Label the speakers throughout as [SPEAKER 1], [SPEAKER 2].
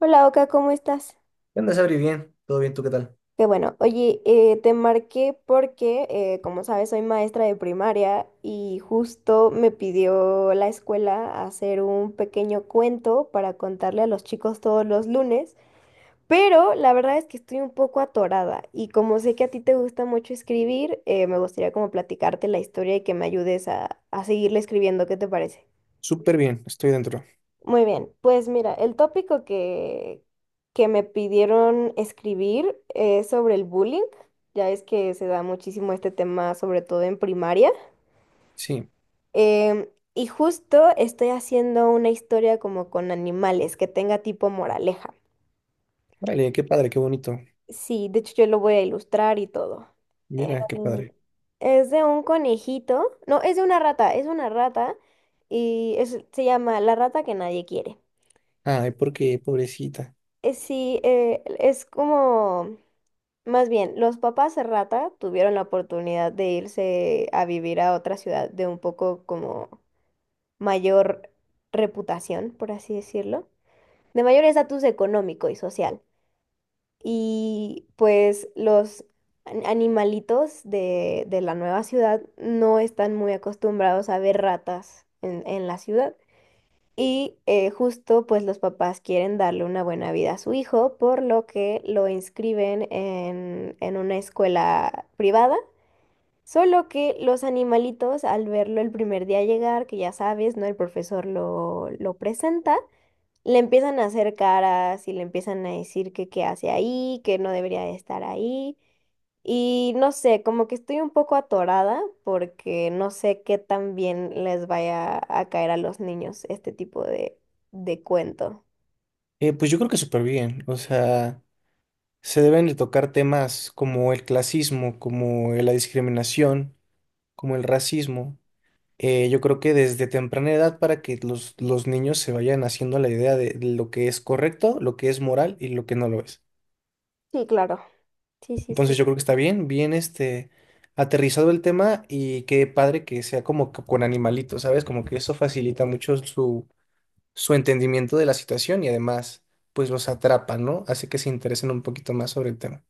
[SPEAKER 1] Hola Oka, ¿cómo estás?
[SPEAKER 2] ¿Qué onda, Sabri? Bien, todo bien, ¿tú qué tal?
[SPEAKER 1] Qué bueno, oye, te marqué porque, como sabes, soy maestra de primaria y justo me pidió la escuela hacer un pequeño cuento para contarle a los chicos todos los lunes, pero la verdad es que estoy un poco atorada y como sé que a ti te gusta mucho escribir, me gustaría como platicarte la historia y que me ayudes a seguirle escribiendo, ¿qué te parece?
[SPEAKER 2] Súper bien, estoy dentro.
[SPEAKER 1] Muy bien, pues mira, el tópico que me pidieron escribir es sobre el bullying. Ya es que se da muchísimo este tema, sobre todo en primaria.
[SPEAKER 2] Sí,
[SPEAKER 1] Em, y justo estoy haciendo una historia como con animales, que tenga tipo moraleja.
[SPEAKER 2] vale, qué padre, qué bonito.
[SPEAKER 1] Sí, de hecho yo lo voy a ilustrar y todo.
[SPEAKER 2] Mira, qué
[SPEAKER 1] Mm,
[SPEAKER 2] padre.
[SPEAKER 1] Es de un conejito, no, es de una rata, es una rata y se llama La rata que nadie quiere.
[SPEAKER 2] Ay, ¿por qué, pobrecita?
[SPEAKER 1] Sí, es como Más bien, los papás rata tuvieron la oportunidad de irse a vivir a otra ciudad de un poco como mayor reputación, por así decirlo, de mayor estatus económico y social. Y pues los animalitos de la nueva ciudad no están muy acostumbrados a ver ratas en la ciudad. Y justo pues los papás quieren darle una buena vida a su hijo, por lo que lo inscriben en una escuela privada. Solo que los animalitos al verlo el primer día llegar, que ya sabes, ¿no? El profesor lo presenta. Le empiezan a hacer caras y le empiezan a decir que qué hace ahí, que no debería de estar ahí. Y no sé, como que estoy un poco atorada porque no sé qué tan bien les vaya a caer a los niños este tipo de cuento.
[SPEAKER 2] Pues yo creo que súper bien. O sea, se deben de tocar temas como el clasismo, como la discriminación, como el racismo. Yo creo que desde temprana edad para que los niños se vayan haciendo la idea de lo que es correcto, lo que es moral y lo que no lo es.
[SPEAKER 1] Sí, claro. Sí, sí,
[SPEAKER 2] Entonces
[SPEAKER 1] sí.
[SPEAKER 2] yo creo que está bien este aterrizado el tema y qué padre que sea como que con animalitos, ¿sabes? Como que eso facilita mucho su entendimiento de la situación y además pues los atrapa, ¿no? Hace que se interesen un poquito más sobre el tema.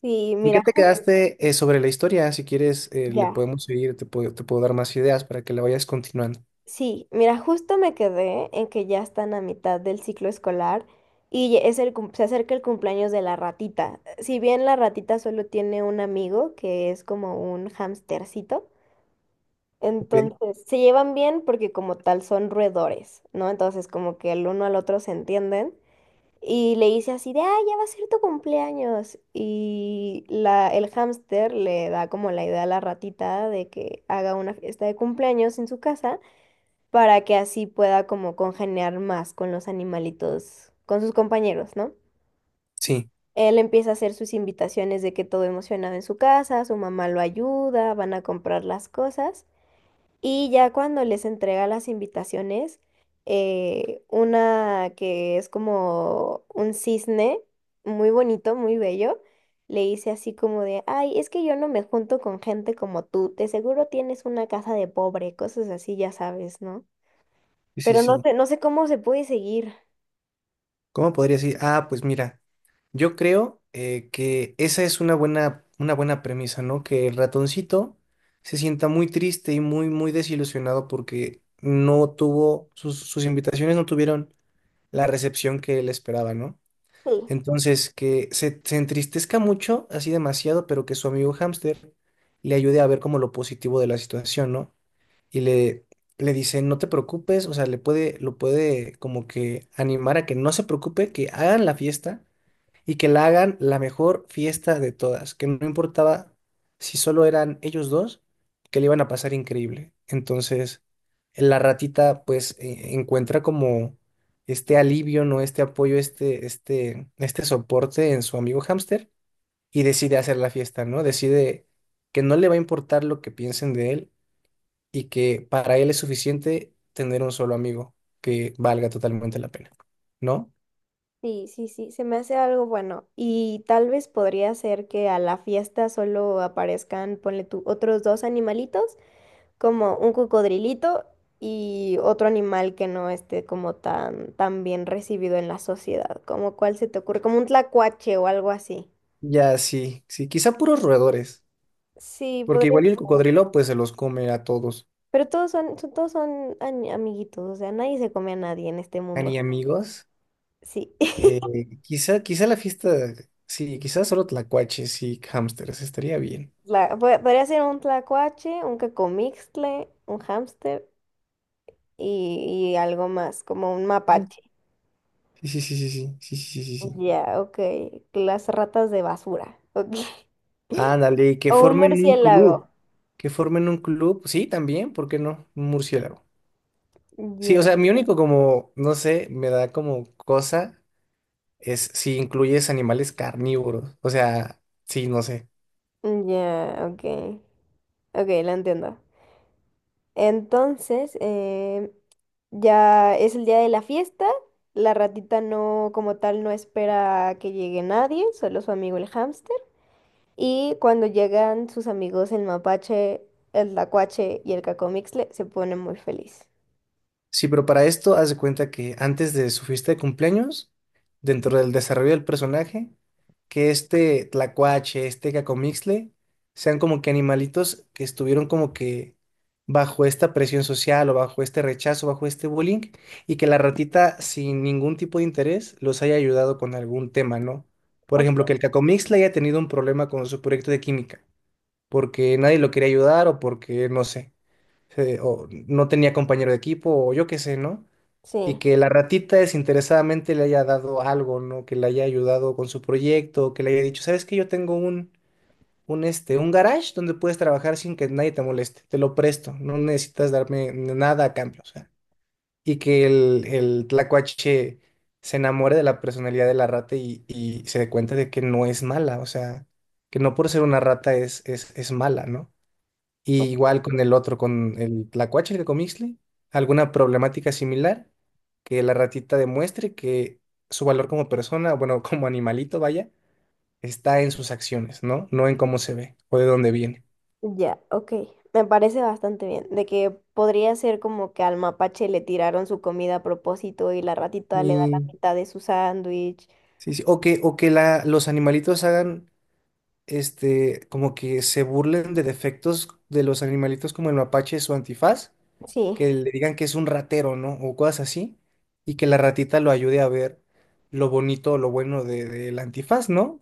[SPEAKER 1] Sí,
[SPEAKER 2] ¿En qué
[SPEAKER 1] mira,
[SPEAKER 2] te
[SPEAKER 1] justo.
[SPEAKER 2] quedaste sobre la historia? Si quieres, le
[SPEAKER 1] Ya.
[SPEAKER 2] podemos seguir, te puedo dar más ideas para que la vayas continuando,
[SPEAKER 1] Sí, mira, justo me quedé en que ya están a mitad del ciclo escolar y se acerca el cumpleaños de la ratita. Si bien la ratita solo tiene un amigo que es como un hamstercito,
[SPEAKER 2] ¿ok?
[SPEAKER 1] entonces se llevan bien porque como tal son roedores, ¿no? Entonces como que el uno al otro se entienden y le dice así de, ah, ya va a ser tu cumpleaños y el hámster le da como la idea a la ratita de que haga una fiesta de cumpleaños en su casa para que así pueda como congeniar más con los animalitos, con sus compañeros, ¿no?
[SPEAKER 2] Sí,
[SPEAKER 1] Él empieza a hacer sus invitaciones de que todo emocionado en su casa, su mamá lo ayuda, van a comprar las cosas y ya cuando les entrega las invitaciones, una que es como un cisne, muy bonito, muy bello, le dice así como de, ay, es que yo no me junto con gente como tú, de seguro tienes una casa de pobre, cosas así, ya sabes, ¿no?
[SPEAKER 2] sí, sí,
[SPEAKER 1] Pero no
[SPEAKER 2] sí.
[SPEAKER 1] sé, no sé cómo se puede seguir.
[SPEAKER 2] ¿Cómo podría decir? Ah, pues mira, yo creo que esa es una una buena premisa, ¿no? Que el ratoncito se sienta muy triste y muy desilusionado porque no tuvo, sus invitaciones no tuvieron la recepción que él esperaba, ¿no?
[SPEAKER 1] Sí.
[SPEAKER 2] Entonces, se entristezca mucho, así demasiado, pero que su amigo hámster le ayude a ver como lo positivo de la situación, ¿no? Y le dice, no te preocupes, o sea, lo puede como que animar a que no se preocupe, que hagan la fiesta y que la hagan la mejor fiesta de todas, que no importaba si solo eran ellos dos, que le iban a pasar increíble. Entonces, la ratita pues encuentra como este alivio, ¿no? Este apoyo, este soporte en su amigo hámster y decide hacer la fiesta, ¿no? Decide que no le va a importar lo que piensen de él y que para él es suficiente tener un solo amigo que valga totalmente la pena, ¿no?
[SPEAKER 1] Sí, sí, sí, se me hace algo bueno. Y tal vez podría ser que a la fiesta solo aparezcan, ponle tú, otros dos animalitos, como un cocodrilito y otro animal que no esté como tan, tan bien recibido en la sociedad. Como cuál se te ocurre, como un tlacuache o algo así.
[SPEAKER 2] Ya, sí, sí, quizá puros roedores,
[SPEAKER 1] Sí,
[SPEAKER 2] porque
[SPEAKER 1] podría
[SPEAKER 2] igual y el
[SPEAKER 1] ser.
[SPEAKER 2] cocodrilo pues se los come a todos,
[SPEAKER 1] Pero todos son, todos son amiguitos, o sea, nadie se come a nadie en este
[SPEAKER 2] a
[SPEAKER 1] mundo.
[SPEAKER 2] ni amigos.
[SPEAKER 1] Sí.
[SPEAKER 2] eh, Quizá la fiesta, sí, quizá solo tlacuaches y hámsters, estaría bien.
[SPEAKER 1] Podría ser un tlacuache, un cacomixtle, un hámster y algo más, como un
[SPEAKER 2] Sí,
[SPEAKER 1] mapache.
[SPEAKER 2] sí, sí, sí, sí, sí, sí, sí, sí, sí.
[SPEAKER 1] Ya, ok. Las ratas de basura. Ok.
[SPEAKER 2] Ándale, y que
[SPEAKER 1] O un
[SPEAKER 2] formen un
[SPEAKER 1] murciélago.
[SPEAKER 2] club, que formen un club, sí, también, ¿por qué no? Un murciélago. Sí, o
[SPEAKER 1] Ya,
[SPEAKER 2] sea, mi único como, no sé, me da como cosa es si incluyes animales carnívoros. O sea, sí, no sé.
[SPEAKER 1] ya, ok. Ok, lo entiendo. Entonces, ya es el día de la fiesta. La ratita no, como tal, no espera a que llegue nadie, solo su amigo el hámster. Y cuando llegan sus amigos el mapache, el lacuache y el cacomixle, se pone muy feliz.
[SPEAKER 2] Sí, pero para esto, haz de cuenta que antes de su fiesta de cumpleaños, dentro del desarrollo del personaje, que este tlacuache, este cacomixle, sean como que animalitos que estuvieron como que bajo esta presión social o bajo este rechazo, bajo este bullying, y que la ratita, sin ningún tipo de interés, los haya ayudado con algún tema, ¿no? Por ejemplo,
[SPEAKER 1] Ok.
[SPEAKER 2] que el cacomixle haya tenido un problema con su proyecto de química porque nadie lo quería ayudar o porque, no sé, se- o no tenía compañero de equipo o yo qué sé, ¿no? Y
[SPEAKER 1] Sí,
[SPEAKER 2] que la ratita desinteresadamente le haya dado algo, ¿no? Que le haya ayudado con su proyecto, que le haya dicho, ¿sabes qué? Yo tengo un, este, un garage donde puedes trabajar sin que nadie te moleste, te lo presto, no necesitas darme nada a cambio, o sea. Y que el tlacuache se enamore de la personalidad de la rata y se dé cuenta de que no es mala, o sea, que no por ser una rata es mala, ¿no? Y
[SPEAKER 1] o-
[SPEAKER 2] igual con el otro, con el tlacuache, el comixle, alguna problemática similar que la ratita demuestre que su valor como persona, bueno, como animalito, vaya, está en sus acciones, ¿no? No en cómo se ve o de dónde viene.
[SPEAKER 1] ya, ok. Me parece bastante bien. De que podría ser como que al mapache le tiraron su comida a propósito y la ratita le da la
[SPEAKER 2] Y
[SPEAKER 1] mitad de su sándwich.
[SPEAKER 2] sí, sí. O que la, los animalitos hagan, este, como que se burlen de defectos de los animalitos como el mapache, su antifaz,
[SPEAKER 1] Sí,
[SPEAKER 2] que le digan que es un ratero, ¿no? O cosas así, y que la ratita lo ayude a ver lo bonito o lo bueno del antifaz, ¿no?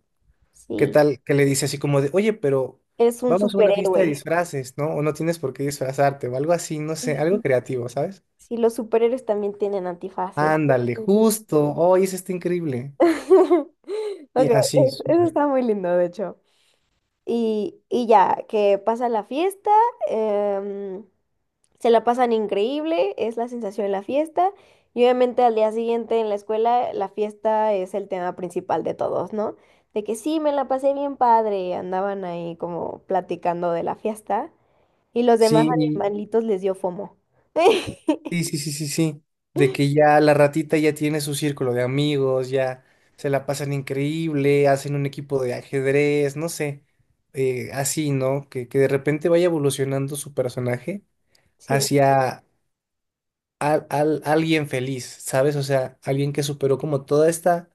[SPEAKER 2] ¿Qué
[SPEAKER 1] sí.
[SPEAKER 2] tal que le dice así como de, oye, pero
[SPEAKER 1] Es un
[SPEAKER 2] vamos a una fiesta de
[SPEAKER 1] superhéroe.
[SPEAKER 2] disfraces, ¿no? O no tienes por qué disfrazarte, o algo así, no sé, algo
[SPEAKER 1] Ujú.
[SPEAKER 2] creativo, ¿sabes?
[SPEAKER 1] Sí, los superhéroes también tienen antifaces.
[SPEAKER 2] Ándale,
[SPEAKER 1] Sí.
[SPEAKER 2] justo, oye, eso está increíble. Sí,
[SPEAKER 1] Ok,
[SPEAKER 2] así,
[SPEAKER 1] eso está muy lindo, de hecho. Y ya, que pasa la fiesta, em, se la pasan increíble, es la sensación de la fiesta. Y obviamente al día siguiente en la escuela, la fiesta es el tema principal de todos, ¿no? De que sí, me la pasé bien padre, andaban ahí como platicando de la fiesta. Y los demás
[SPEAKER 2] sí.
[SPEAKER 1] animalitos les dio FOMO.
[SPEAKER 2] Sí, sí, sí, sí, sí. De que ya la ratita ya tiene su círculo de amigos, ya se la pasan increíble, hacen un equipo de ajedrez, no sé, así, ¿no? Que de repente vaya evolucionando su personaje
[SPEAKER 1] Sí.
[SPEAKER 2] hacia alguien feliz, ¿sabes? O sea, alguien que superó como toda esta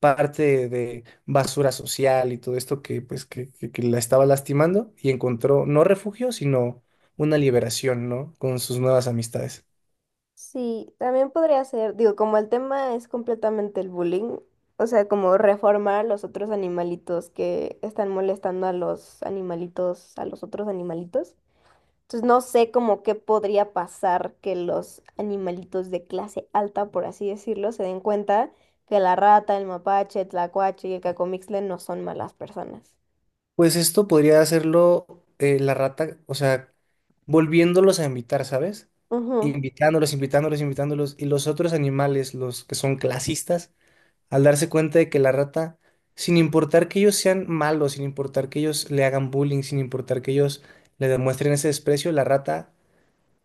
[SPEAKER 2] parte de basura social y todo esto que pues que la estaba lastimando y encontró no refugio, sino una liberación, ¿no? Con sus nuevas amistades.
[SPEAKER 1] Sí, también podría ser, digo, como el tema es completamente el bullying, o sea, como reformar los otros animalitos que están molestando a los animalitos, a los otros animalitos. Entonces no sé como qué podría pasar que los animalitos de clase alta, por así decirlo, se den cuenta que la rata, el mapache, el tlacuache y el cacomixtle no son malas personas.
[SPEAKER 2] Pues esto podría hacerlo la rata, o sea, volviéndolos a invitar, ¿sabes?
[SPEAKER 1] Ujú.
[SPEAKER 2] Invitándolos, invitándolos, invitándolos. Y los otros animales, los que son clasistas, al darse cuenta de que la rata, sin importar que ellos sean malos, sin importar que ellos le hagan bullying, sin importar que ellos le demuestren ese desprecio, la rata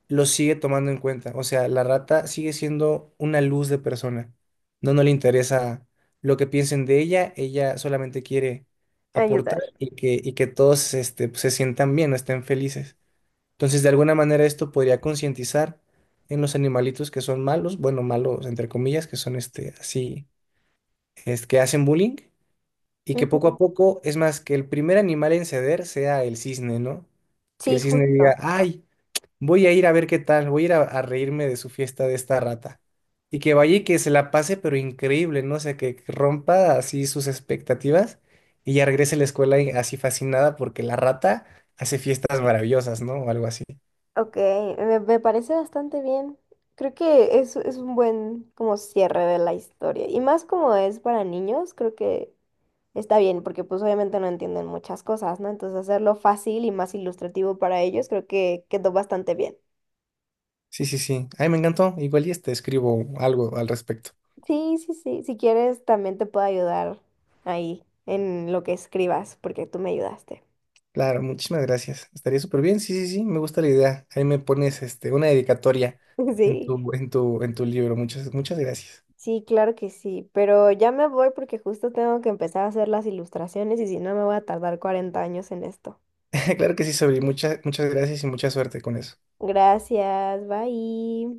[SPEAKER 2] lo sigue tomando en cuenta. O sea, la rata sigue siendo una luz de persona. No, no le interesa lo que piensen de ella, ella solamente quiere aportar
[SPEAKER 1] Ayudar.
[SPEAKER 2] y y que todos este, pues, se sientan bien, estén felices. Entonces, de alguna manera esto podría concientizar en los animalitos que son malos, bueno, malos entre comillas, que son este, así, es que hacen bullying. Y que poco a
[SPEAKER 1] Ujú.
[SPEAKER 2] poco, es más, que el primer animal en ceder sea el cisne, ¿no? Que
[SPEAKER 1] Sí,
[SPEAKER 2] el cisne diga,
[SPEAKER 1] justo.
[SPEAKER 2] ay, voy a ir a ver qué tal, voy a ir a reírme de su fiesta de esta rata. Y que vaya y que se la pase, pero increíble, ¿no? O sea, que rompa así sus expectativas y ya regrese a la escuela así fascinada porque la rata hace fiestas maravillosas, ¿no? O algo así.
[SPEAKER 1] Ok, me parece bastante bien. Creo que es un buen como cierre de la historia. Y más como es para niños, creo que está bien, porque pues obviamente no entienden muchas cosas, ¿no? Entonces hacerlo fácil y más ilustrativo para ellos, creo que quedó bastante bien.
[SPEAKER 2] Sí, sí, sí. Ay, me encantó. Igual y te escribo algo al respecto.
[SPEAKER 1] Sí, sí, sí. Si quieres, también te puedo ayudar ahí en lo que escribas, porque tú me ayudaste.
[SPEAKER 2] Claro, muchísimas gracias. Estaría súper bien. Sí, sí, sí, me gusta la idea. Ahí me pones este, una dedicatoria
[SPEAKER 1] Sí,
[SPEAKER 2] en tu libro. Muchas, muchas gracias.
[SPEAKER 1] sí, claro que sí. Pero ya me voy porque justo tengo que empezar a hacer las ilustraciones y si no me voy a tardar 40 años en esto.
[SPEAKER 2] Claro que sí, Sobri. Muchas, muchas gracias y mucha suerte con eso.
[SPEAKER 1] Gracias, bye.